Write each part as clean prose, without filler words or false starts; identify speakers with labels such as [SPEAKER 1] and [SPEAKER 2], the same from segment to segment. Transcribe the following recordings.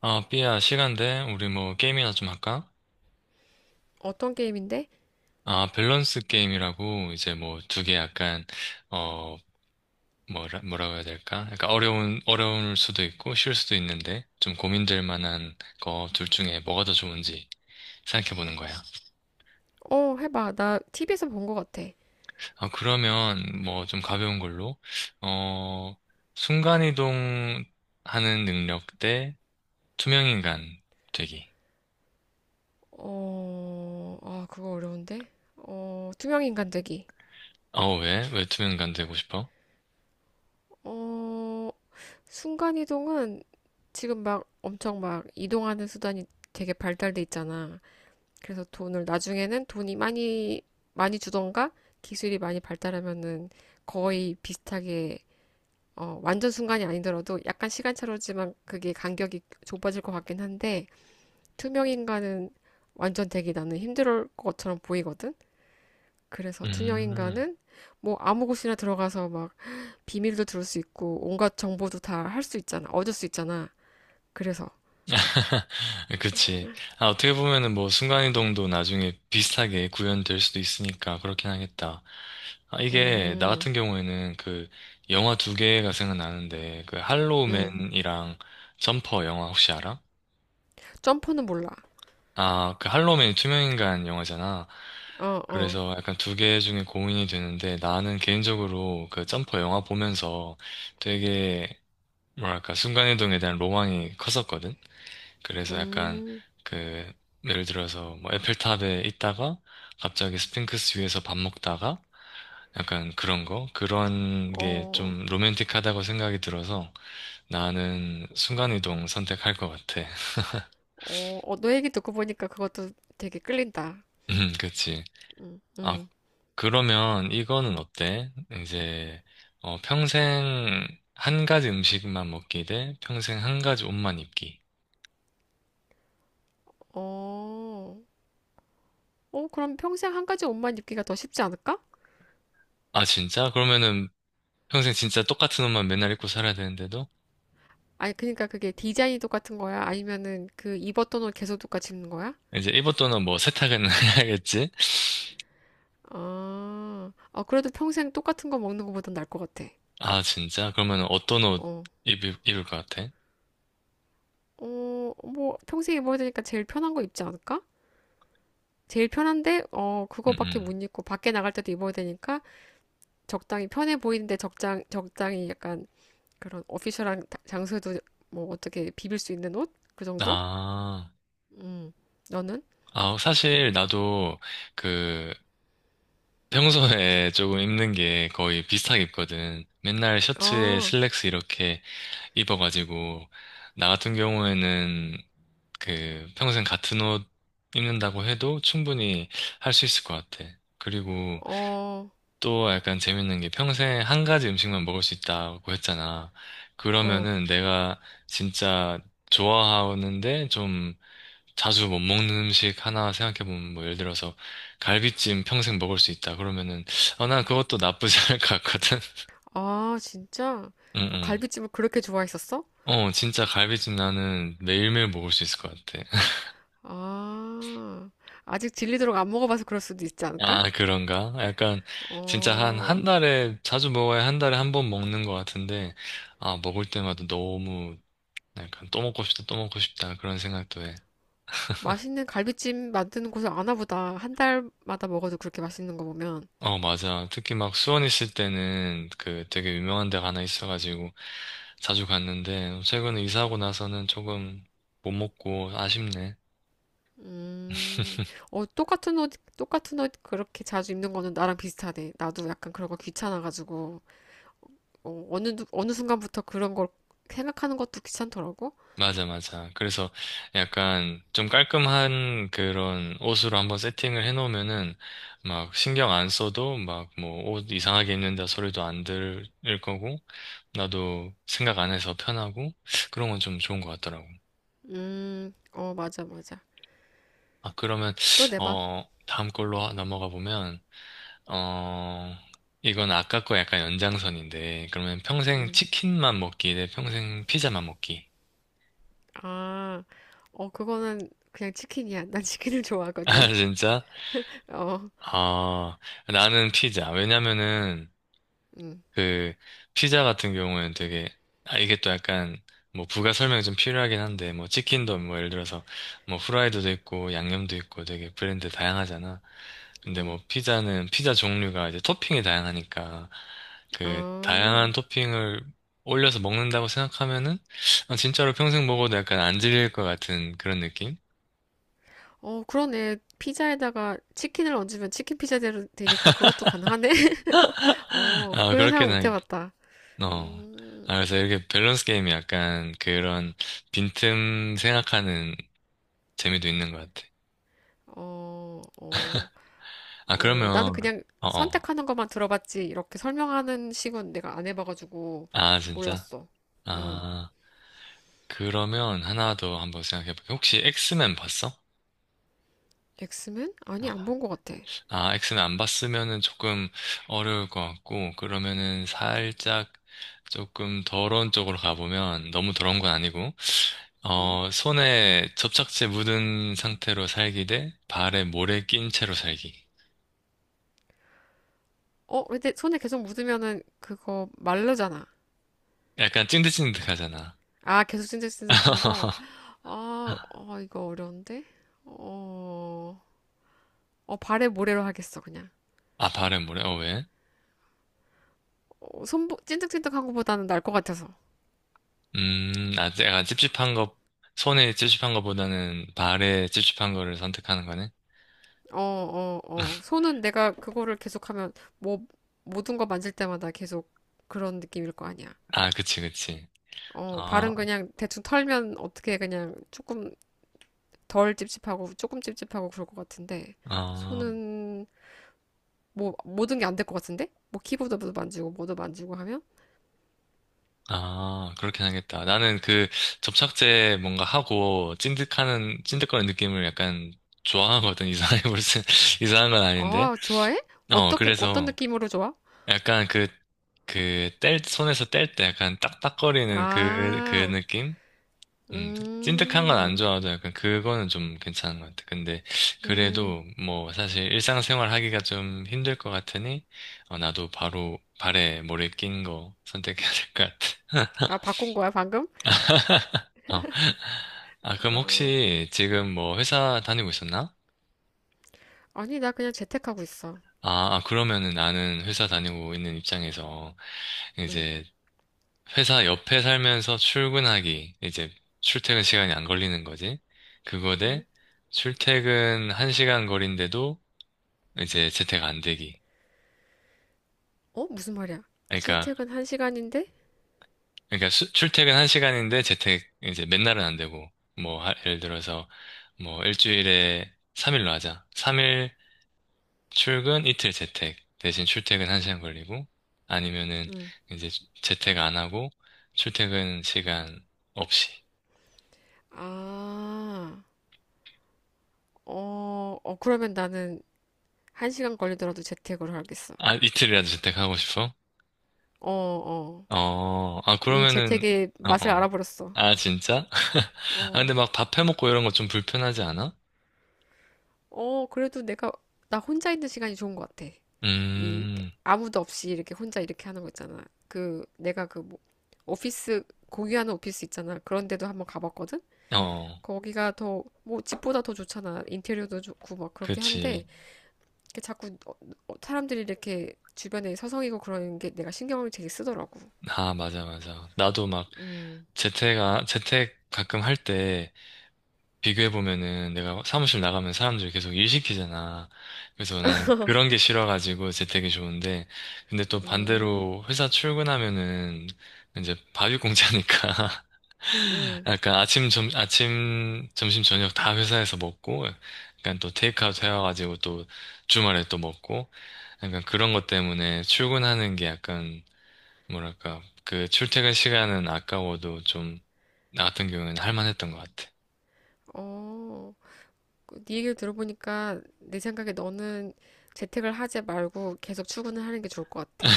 [SPEAKER 1] 아, 삐야, 시간 돼? 우리 뭐 게임이나 좀 할까?
[SPEAKER 2] 어떤 게임인데?
[SPEAKER 1] 아, 밸런스 게임이라고 이제 뭐 두 개 약간 어 뭐라고 해야 될까? 약간 어려운 어려울 수도 있고 쉬울 수도 있는데 좀 고민될 만한 거 둘 중에 뭐가 더 좋은지 생각해 보는 거야.
[SPEAKER 2] 어, 해봐. 나 TV에서 본 것 같아.
[SPEAKER 1] 아, 그러면 뭐 좀 가벼운 걸로 어 순간이동 하는 능력 대 투명인간 되기.
[SPEAKER 2] 어, 아, 그거 어려운데? 어, 투명인간되기.
[SPEAKER 1] 어, 왜? 왜 투명인간 되고 싶어?
[SPEAKER 2] 어, 순간이동은 지금 막 엄청 막 이동하는 수단이 되게 발달돼 있잖아. 그래서 돈을 나중에는 돈이 많이 주던가 기술이 많이 발달하면은 거의 비슷하게 완전 순간이 아니더라도 약간 시간차로지만 그게 간격이 좁아질 것 같긴 한데 투명인간은 완전 되기 나는 힘들 것처럼 보이거든? 그래서
[SPEAKER 1] 음.
[SPEAKER 2] 투명인간은 뭐 아무 곳이나 들어가서 막 비밀도 들을 수 있고 온갖 정보도 다 할 수 있잖아. 얻을 수 있잖아. 그래서,
[SPEAKER 1] 그치. 아, 어떻게 보면은 뭐 순간이동도 나중에 비슷하게 구현될 수도 있으니까 그렇긴 하겠다. 아, 이게 나
[SPEAKER 2] 음,
[SPEAKER 1] 같은 경우에는 그 영화 두 개가 생각나는데 그
[SPEAKER 2] 음.
[SPEAKER 1] 할로우맨이랑 점퍼 영화 혹시 알아?
[SPEAKER 2] 점퍼는 몰라.
[SPEAKER 1] 아, 그 할로우맨이 투명인간 영화잖아.
[SPEAKER 2] 어, 어,
[SPEAKER 1] 그래서 약간 두 개 중에 고민이 되는데 나는 개인적으로 그 점퍼 영화 보면서 되게 뭐랄까 순간이동에 대한 로망이 컸었거든. 그래서 약간
[SPEAKER 2] 음,
[SPEAKER 1] 그 예를 들어서 뭐 에펠탑에 있다가 갑자기 스핑크스 위에서 밥 먹다가 약간 그런 거 그런 게
[SPEAKER 2] 어,
[SPEAKER 1] 좀 로맨틱하다고 생각이 들어서 나는 순간이동 선택할 것 같아.
[SPEAKER 2] 어, 어, 너 얘기 듣고 보니까 그것도 되게 끌린다.
[SPEAKER 1] 그치.
[SPEAKER 2] 음,
[SPEAKER 1] 아,
[SPEAKER 2] 음,
[SPEAKER 1] 그러면 이거는 어때? 이제 어, 평생 한 가지 음식만 먹기 대 평생 한 가지 옷만 입기.
[SPEAKER 2] 어, 어, 그럼 평생 한 가지 옷만 입기가 더 쉽지 않을까?
[SPEAKER 1] 아, 진짜? 그러면은 평생 진짜 똑같은 옷만 맨날 입고 살아야 되는데도?
[SPEAKER 2] 아니, 그러니까 그게 디자인이 똑같은 거야? 아니면은 그 입었던 옷 계속 똑같이 입는 거야?
[SPEAKER 1] 이제 입었던 옷뭐 세탁은 해야겠지?
[SPEAKER 2] 아, 어, 그래도 평생 똑같은 거 먹는 거보단 나을 것 같아.
[SPEAKER 1] 아, 진짜? 그러면 어떤 옷
[SPEAKER 2] 어,
[SPEAKER 1] 입을 것 같아?
[SPEAKER 2] 어, 뭐, 평생 입어야 되니까 제일 편한 거 입지 않을까? 제일 편한데, 어,
[SPEAKER 1] 음,
[SPEAKER 2] 그거밖에
[SPEAKER 1] 음.
[SPEAKER 2] 못 입고 밖에 나갈 때도 입어야 되니까 적당히 편해 보이는데 적당히 약간 그런 오피셜한 장소에도 뭐 어떻게 비빌 수 있는 옷? 그 정도?
[SPEAKER 1] 아,
[SPEAKER 2] 음, 너는?
[SPEAKER 1] 아, 사실 나도 그 평소에 조금 입는 게 거의 비슷하게 입거든. 맨날 셔츠에
[SPEAKER 2] 어,
[SPEAKER 1] 슬랙스 이렇게 입어가지고, 나 같은 경우에는 그 평생 같은 옷 입는다고 해도 충분히 할 수 있을 것 같아. 그리고
[SPEAKER 2] 어,
[SPEAKER 1] 또 약간 재밌는 게 평생 한 가지 음식만 먹을 수 있다고 했잖아.
[SPEAKER 2] 어.
[SPEAKER 1] 그러면은 내가 진짜 좋아하는데 좀 자주 못 먹는 음식 하나 생각해보면 뭐 예를 들어서 갈비찜 평생 먹을 수 있다. 그러면은 어, 난 그것도 나쁘지 않을 것 같거든.
[SPEAKER 2] 아, 진짜? 어,
[SPEAKER 1] 응응.
[SPEAKER 2] 갈비찜을 그렇게 좋아했었어?
[SPEAKER 1] 어, 진짜 갈비찜 나는 매일매일 먹을 수 있을 것 같아.
[SPEAKER 2] 아, 아직 질리도록 안 먹어봐서 그럴 수도 있지 않을까?
[SPEAKER 1] 아, 그런가? 약간 진짜 한
[SPEAKER 2] 어,
[SPEAKER 1] 한 달에 자주 먹어야 한 달에 한 번 먹는 것 같은데 아, 먹을 때마다 너무 약간 또 먹고 싶다, 또 먹고 싶다 그런 생각도 해.
[SPEAKER 2] 맛있는 갈비찜 만드는 곳을 아나 보다. 한 달마다 먹어도 그렇게 맛있는 거 보면.
[SPEAKER 1] 어, 맞아. 특히 막 수원 있을 때는 그 되게 유명한 데가 하나 있어가지고 자주 갔는데 최근에 이사하고 나서는 조금 못 먹고 아쉽네.
[SPEAKER 2] 음, 어, 똑같은 옷, 똑같은 옷 그렇게 자주 입는 거는 나랑 비슷하네. 나도 약간 그런 거 귀찮아가지고, 어, 어느 순간부터 그런 걸 생각하는 것도 귀찮더라고.
[SPEAKER 1] 맞아, 맞아. 그래서 약간 좀 깔끔한 그런 옷으로 한번 세팅을 해놓으면은 막 신경 안 써도 막 뭐 옷 이상하게 입는다 소리도 안 들을 거고 나도 생각 안 해서 편하고 그런 건 좀 좋은 것 같더라고.
[SPEAKER 2] 어, 맞아, 맞아.
[SPEAKER 1] 아, 그러면,
[SPEAKER 2] 또 내봐.
[SPEAKER 1] 어, 다음 걸로 넘어가 보면, 어, 이건 아까 거 약간 연장선인데, 그러면 평생
[SPEAKER 2] 음.
[SPEAKER 1] 치킨만 먹기 대 평생 피자만 먹기.
[SPEAKER 2] 아, 어, 그거는 그냥 치킨이야. 난 치킨을
[SPEAKER 1] 아,
[SPEAKER 2] 좋아하거든.
[SPEAKER 1] 진짜?
[SPEAKER 2] 어,
[SPEAKER 1] 아, 나는 피자. 왜냐면은,
[SPEAKER 2] 음,
[SPEAKER 1] 그 피자 같은 경우는 되게 아 이게 또 약간 뭐 부가 설명이 좀 필요하긴 한데 뭐 치킨도 뭐 예를 들어서 뭐 후라이드도 있고 양념도 있고 되게 브랜드 다양하잖아. 근데
[SPEAKER 2] 음,
[SPEAKER 1] 뭐 피자는 피자 종류가 이제 토핑이 다양하니까 그 다양한
[SPEAKER 2] 아.
[SPEAKER 1] 토핑을 올려서 먹는다고 생각하면은 아, 진짜로 평생 먹어도 약간 안 질릴 것 같은 그런 느낌?
[SPEAKER 2] 어, 그러네. 피자에다가 치킨을 얹으면 치킨 피자대로 되니까 그것도 가능하네. 어,
[SPEAKER 1] 아,
[SPEAKER 2] 그런
[SPEAKER 1] 그렇게
[SPEAKER 2] 생각 못
[SPEAKER 1] 나겠다.
[SPEAKER 2] 해봤다.
[SPEAKER 1] 어.
[SPEAKER 2] 음,
[SPEAKER 1] 아, 그래서 이렇게 밸런스 게임이 약간 그런 빈틈 생각하는 재미도 있는 것 같아.
[SPEAKER 2] 어, 어,
[SPEAKER 1] 아,
[SPEAKER 2] 어, 나는
[SPEAKER 1] 그러면,
[SPEAKER 2] 그냥
[SPEAKER 1] 어, 어.
[SPEAKER 2] 선택하는 것만 들어봤지. 이렇게 설명하는 식은 내가 안 해봐가지고
[SPEAKER 1] 아, 진짜?
[SPEAKER 2] 몰랐어. 음,
[SPEAKER 1] 아, 그러면 하나 더 한번 생각해볼게. 혹시 엑스맨 봤어?
[SPEAKER 2] 엑스맨?
[SPEAKER 1] 어,
[SPEAKER 2] 아니, 안
[SPEAKER 1] 어.
[SPEAKER 2] 본 것 같아.
[SPEAKER 1] 아, 엑스맨 안 봤으면은 조금 어려울 것 같고, 그러면은
[SPEAKER 2] 음,
[SPEAKER 1] 살짝 조금 더러운 쪽으로 가보면, 너무 더러운 건 아니고,
[SPEAKER 2] 음.
[SPEAKER 1] 어, 손에 접착제 묻은 상태로 살기 대 발에 모래 낀 채로 살기.
[SPEAKER 2] 어, 근데 손에 계속 묻으면은 그거 마르잖아.
[SPEAKER 1] 약간 찐득찐득하잖아.
[SPEAKER 2] 아, 계속 찐득찐득한 거. 아, 어, 이거 어려운데? 어, 어, 발에 모래로 하겠어, 그냥.
[SPEAKER 1] 아, 발에 모래? 어, 왜?
[SPEAKER 2] 어, 손, 찐득찐득한 거보다는 날 것 같아서.
[SPEAKER 1] 음, 아, 약간 찝찝한 거, 손에 찝찝한 거보다는 발에 찝찝한 거를 선택하는 거네?
[SPEAKER 2] 어, 어, 어. 손은 내가 그거를 계속하면 뭐, 모든 거 만질 때마다 계속 그런 느낌일 거 아니야.
[SPEAKER 1] 아, 그치, 그치.
[SPEAKER 2] 어,
[SPEAKER 1] 아,
[SPEAKER 2] 발은 그냥 대충 털면 어떻게 그냥 조금 덜 찝찝하고 조금 찝찝하고 그럴 것 같은데,
[SPEAKER 1] 아,
[SPEAKER 2] 손은 뭐 모든 게 안 될 것 같은데? 뭐 키보드도 만지고 뭐도 만지고 하면?
[SPEAKER 1] 아, 그렇긴 하겠다. 나는 그 접착제 뭔가 하고 찐득거리는 느낌을 약간 좋아하거든. 이상해, 무슨, 이상한 건 아닌데.
[SPEAKER 2] 아, 좋아해?
[SPEAKER 1] 어,
[SPEAKER 2] 어떻게 어떤
[SPEAKER 1] 그래서
[SPEAKER 2] 느낌으로 좋아?
[SPEAKER 1] 약간 손에서 뗄 때 약간 딱딱거리는 그
[SPEAKER 2] 아,
[SPEAKER 1] 느낌? 음, 찐득한 건 안
[SPEAKER 2] 음,
[SPEAKER 1] 좋아하죠. 약간 그거는 좀 괜찮은 것 같아. 근데
[SPEAKER 2] 음,
[SPEAKER 1] 그래도 뭐 사실 일상생활 하기가 좀 힘들 것 같으니 어, 나도 바로 발에 모래 낀 거 선택해야 될 것 같아.
[SPEAKER 2] 아 바꾼 거야 방금?
[SPEAKER 1] 어. 아, 그럼
[SPEAKER 2] 아,
[SPEAKER 1] 혹시 지금 뭐 회사 다니고 있었나?
[SPEAKER 2] 아니 나 그냥 재택하고 있어.
[SPEAKER 1] 아, 아, 그러면은 나는 회사 다니고 있는 입장에서
[SPEAKER 2] 음,
[SPEAKER 1] 이제 회사 옆에 살면서 출근하기, 이제 출퇴근 시간이 안 걸리는 거지. 그거
[SPEAKER 2] 응.
[SPEAKER 1] 대 출퇴근 1시간 거리인데도 이제 재택 안 되기.
[SPEAKER 2] 어 무슨 말이야?
[SPEAKER 1] 그러니까,
[SPEAKER 2] 출퇴근 한 시간인데?
[SPEAKER 1] 그러니까 출퇴근 한 시간인데 재택 이제 맨날은 안 되고, 뭐, 예를 들어서 뭐 일주일에 3일로 하자. 3일 출근, 이틀 재택. 대신 출퇴근 한 시간 걸리고, 아니면은
[SPEAKER 2] 응.
[SPEAKER 1] 이제 재택 안 하고, 출퇴근 시간 없이.
[SPEAKER 2] 아, 어, 어 그러면 나는 한 시간 걸리더라도 재택으로 하겠어.
[SPEAKER 1] 아, 이틀이라도 재택하고 싶어?
[SPEAKER 2] 어, 어.
[SPEAKER 1] 어, 아,
[SPEAKER 2] 이
[SPEAKER 1] 그러면은,
[SPEAKER 2] 재택의
[SPEAKER 1] 어,
[SPEAKER 2] 맛을
[SPEAKER 1] 어.
[SPEAKER 2] 알아버렸어.
[SPEAKER 1] 아, 진짜? 아,
[SPEAKER 2] 어.
[SPEAKER 1] 근데 막 밥 해먹고 이런 거 좀 불편하지 않아?
[SPEAKER 2] 어, 그래도 내가, 나 혼자 있는 시간이 좋은 것 같아. 이,
[SPEAKER 1] 음,
[SPEAKER 2] 아무도 없이 이렇게 혼자 이렇게 하는 거 있잖아. 그, 내가 그, 뭐, 오피스, 공유하는 오피스 있잖아. 그런 데도 한번 가봤거든?
[SPEAKER 1] 어.
[SPEAKER 2] 거기가 더, 뭐, 집보다 더 좋잖아. 인테리어도 좋고, 막, 그렇게 한데,
[SPEAKER 1] 그치.
[SPEAKER 2] 이렇게 자꾸, 사람들이 이렇게 주변에 서성이고 그러는 게 내가 신경을 되게 쓰더라고.
[SPEAKER 1] 아, 맞아, 맞아. 나도 막
[SPEAKER 2] 음,
[SPEAKER 1] 재택 가끔 할 때 비교해보면은 내가 사무실 나가면 사람들 계속 일 시키잖아. 그래서 나는 그런 게 싫어가지고 재택이 좋은데. 근데 또
[SPEAKER 2] 음,
[SPEAKER 1] 반대로 회사 출근하면은 이제 밥이공짜니까
[SPEAKER 2] 음,
[SPEAKER 1] 약간 아침, 점심, 저녁 다 회사에서 먹고, 약간 또 테이크아웃 해와가지고 또 주말에 또 먹고, 약간 그런 것 때문에 출근하는 게 약간 뭐랄까, 그 출퇴근 시간은 아까워도 좀, 나 같은 경우에는 할만했던 것 같아.
[SPEAKER 2] 어. 그네 얘기를 들어보니까 내 생각에 너는 재택을 하지 말고 계속 출근을 하는 게 좋을 것 같아.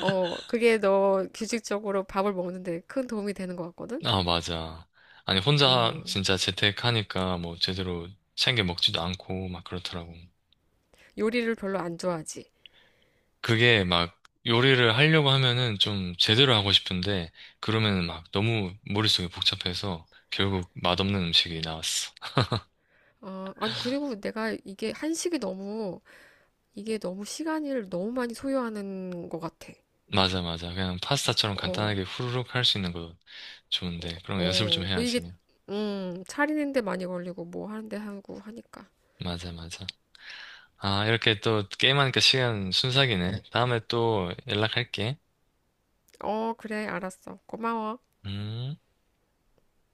[SPEAKER 2] 어, 그게 너 규칙적으로 밥을 먹는데 큰 도움이 되는 것 같거든?
[SPEAKER 1] 아, 맞아. 아니, 혼자
[SPEAKER 2] 음,
[SPEAKER 1] 진짜 재택하니까 뭐 제대로 챙겨 먹지도 않고 막 그렇더라고.
[SPEAKER 2] 요리를 별로 안 좋아하지.
[SPEAKER 1] 그게 막 요리를 하려고 하면은 좀 제대로 하고 싶은데, 그러면은 막 너무 머릿속이 복잡해서 결국 맛없는 음식이 나왔어.
[SPEAKER 2] 어, 아니, 그리고 내가 이게 한식이 너무, 이게 너무 시간을 너무 많이 소요하는 것 같아.
[SPEAKER 1] 맞아, 맞아. 그냥 파스타처럼
[SPEAKER 2] 어,
[SPEAKER 1] 간단하게 후루룩 할 수 있는 거 좋은데, 그런 거 연습을 좀
[SPEAKER 2] 어, 그 이게,
[SPEAKER 1] 해야지.
[SPEAKER 2] 차리는데 많이 걸리고 뭐 하는데 하고 하니까.
[SPEAKER 1] 맞아, 맞아. 아, 이렇게 또 게임하니까 시간 순삭이네. 다음에 또 연락할게.
[SPEAKER 2] 어, 그래, 알았어. 고마워.
[SPEAKER 1] 음.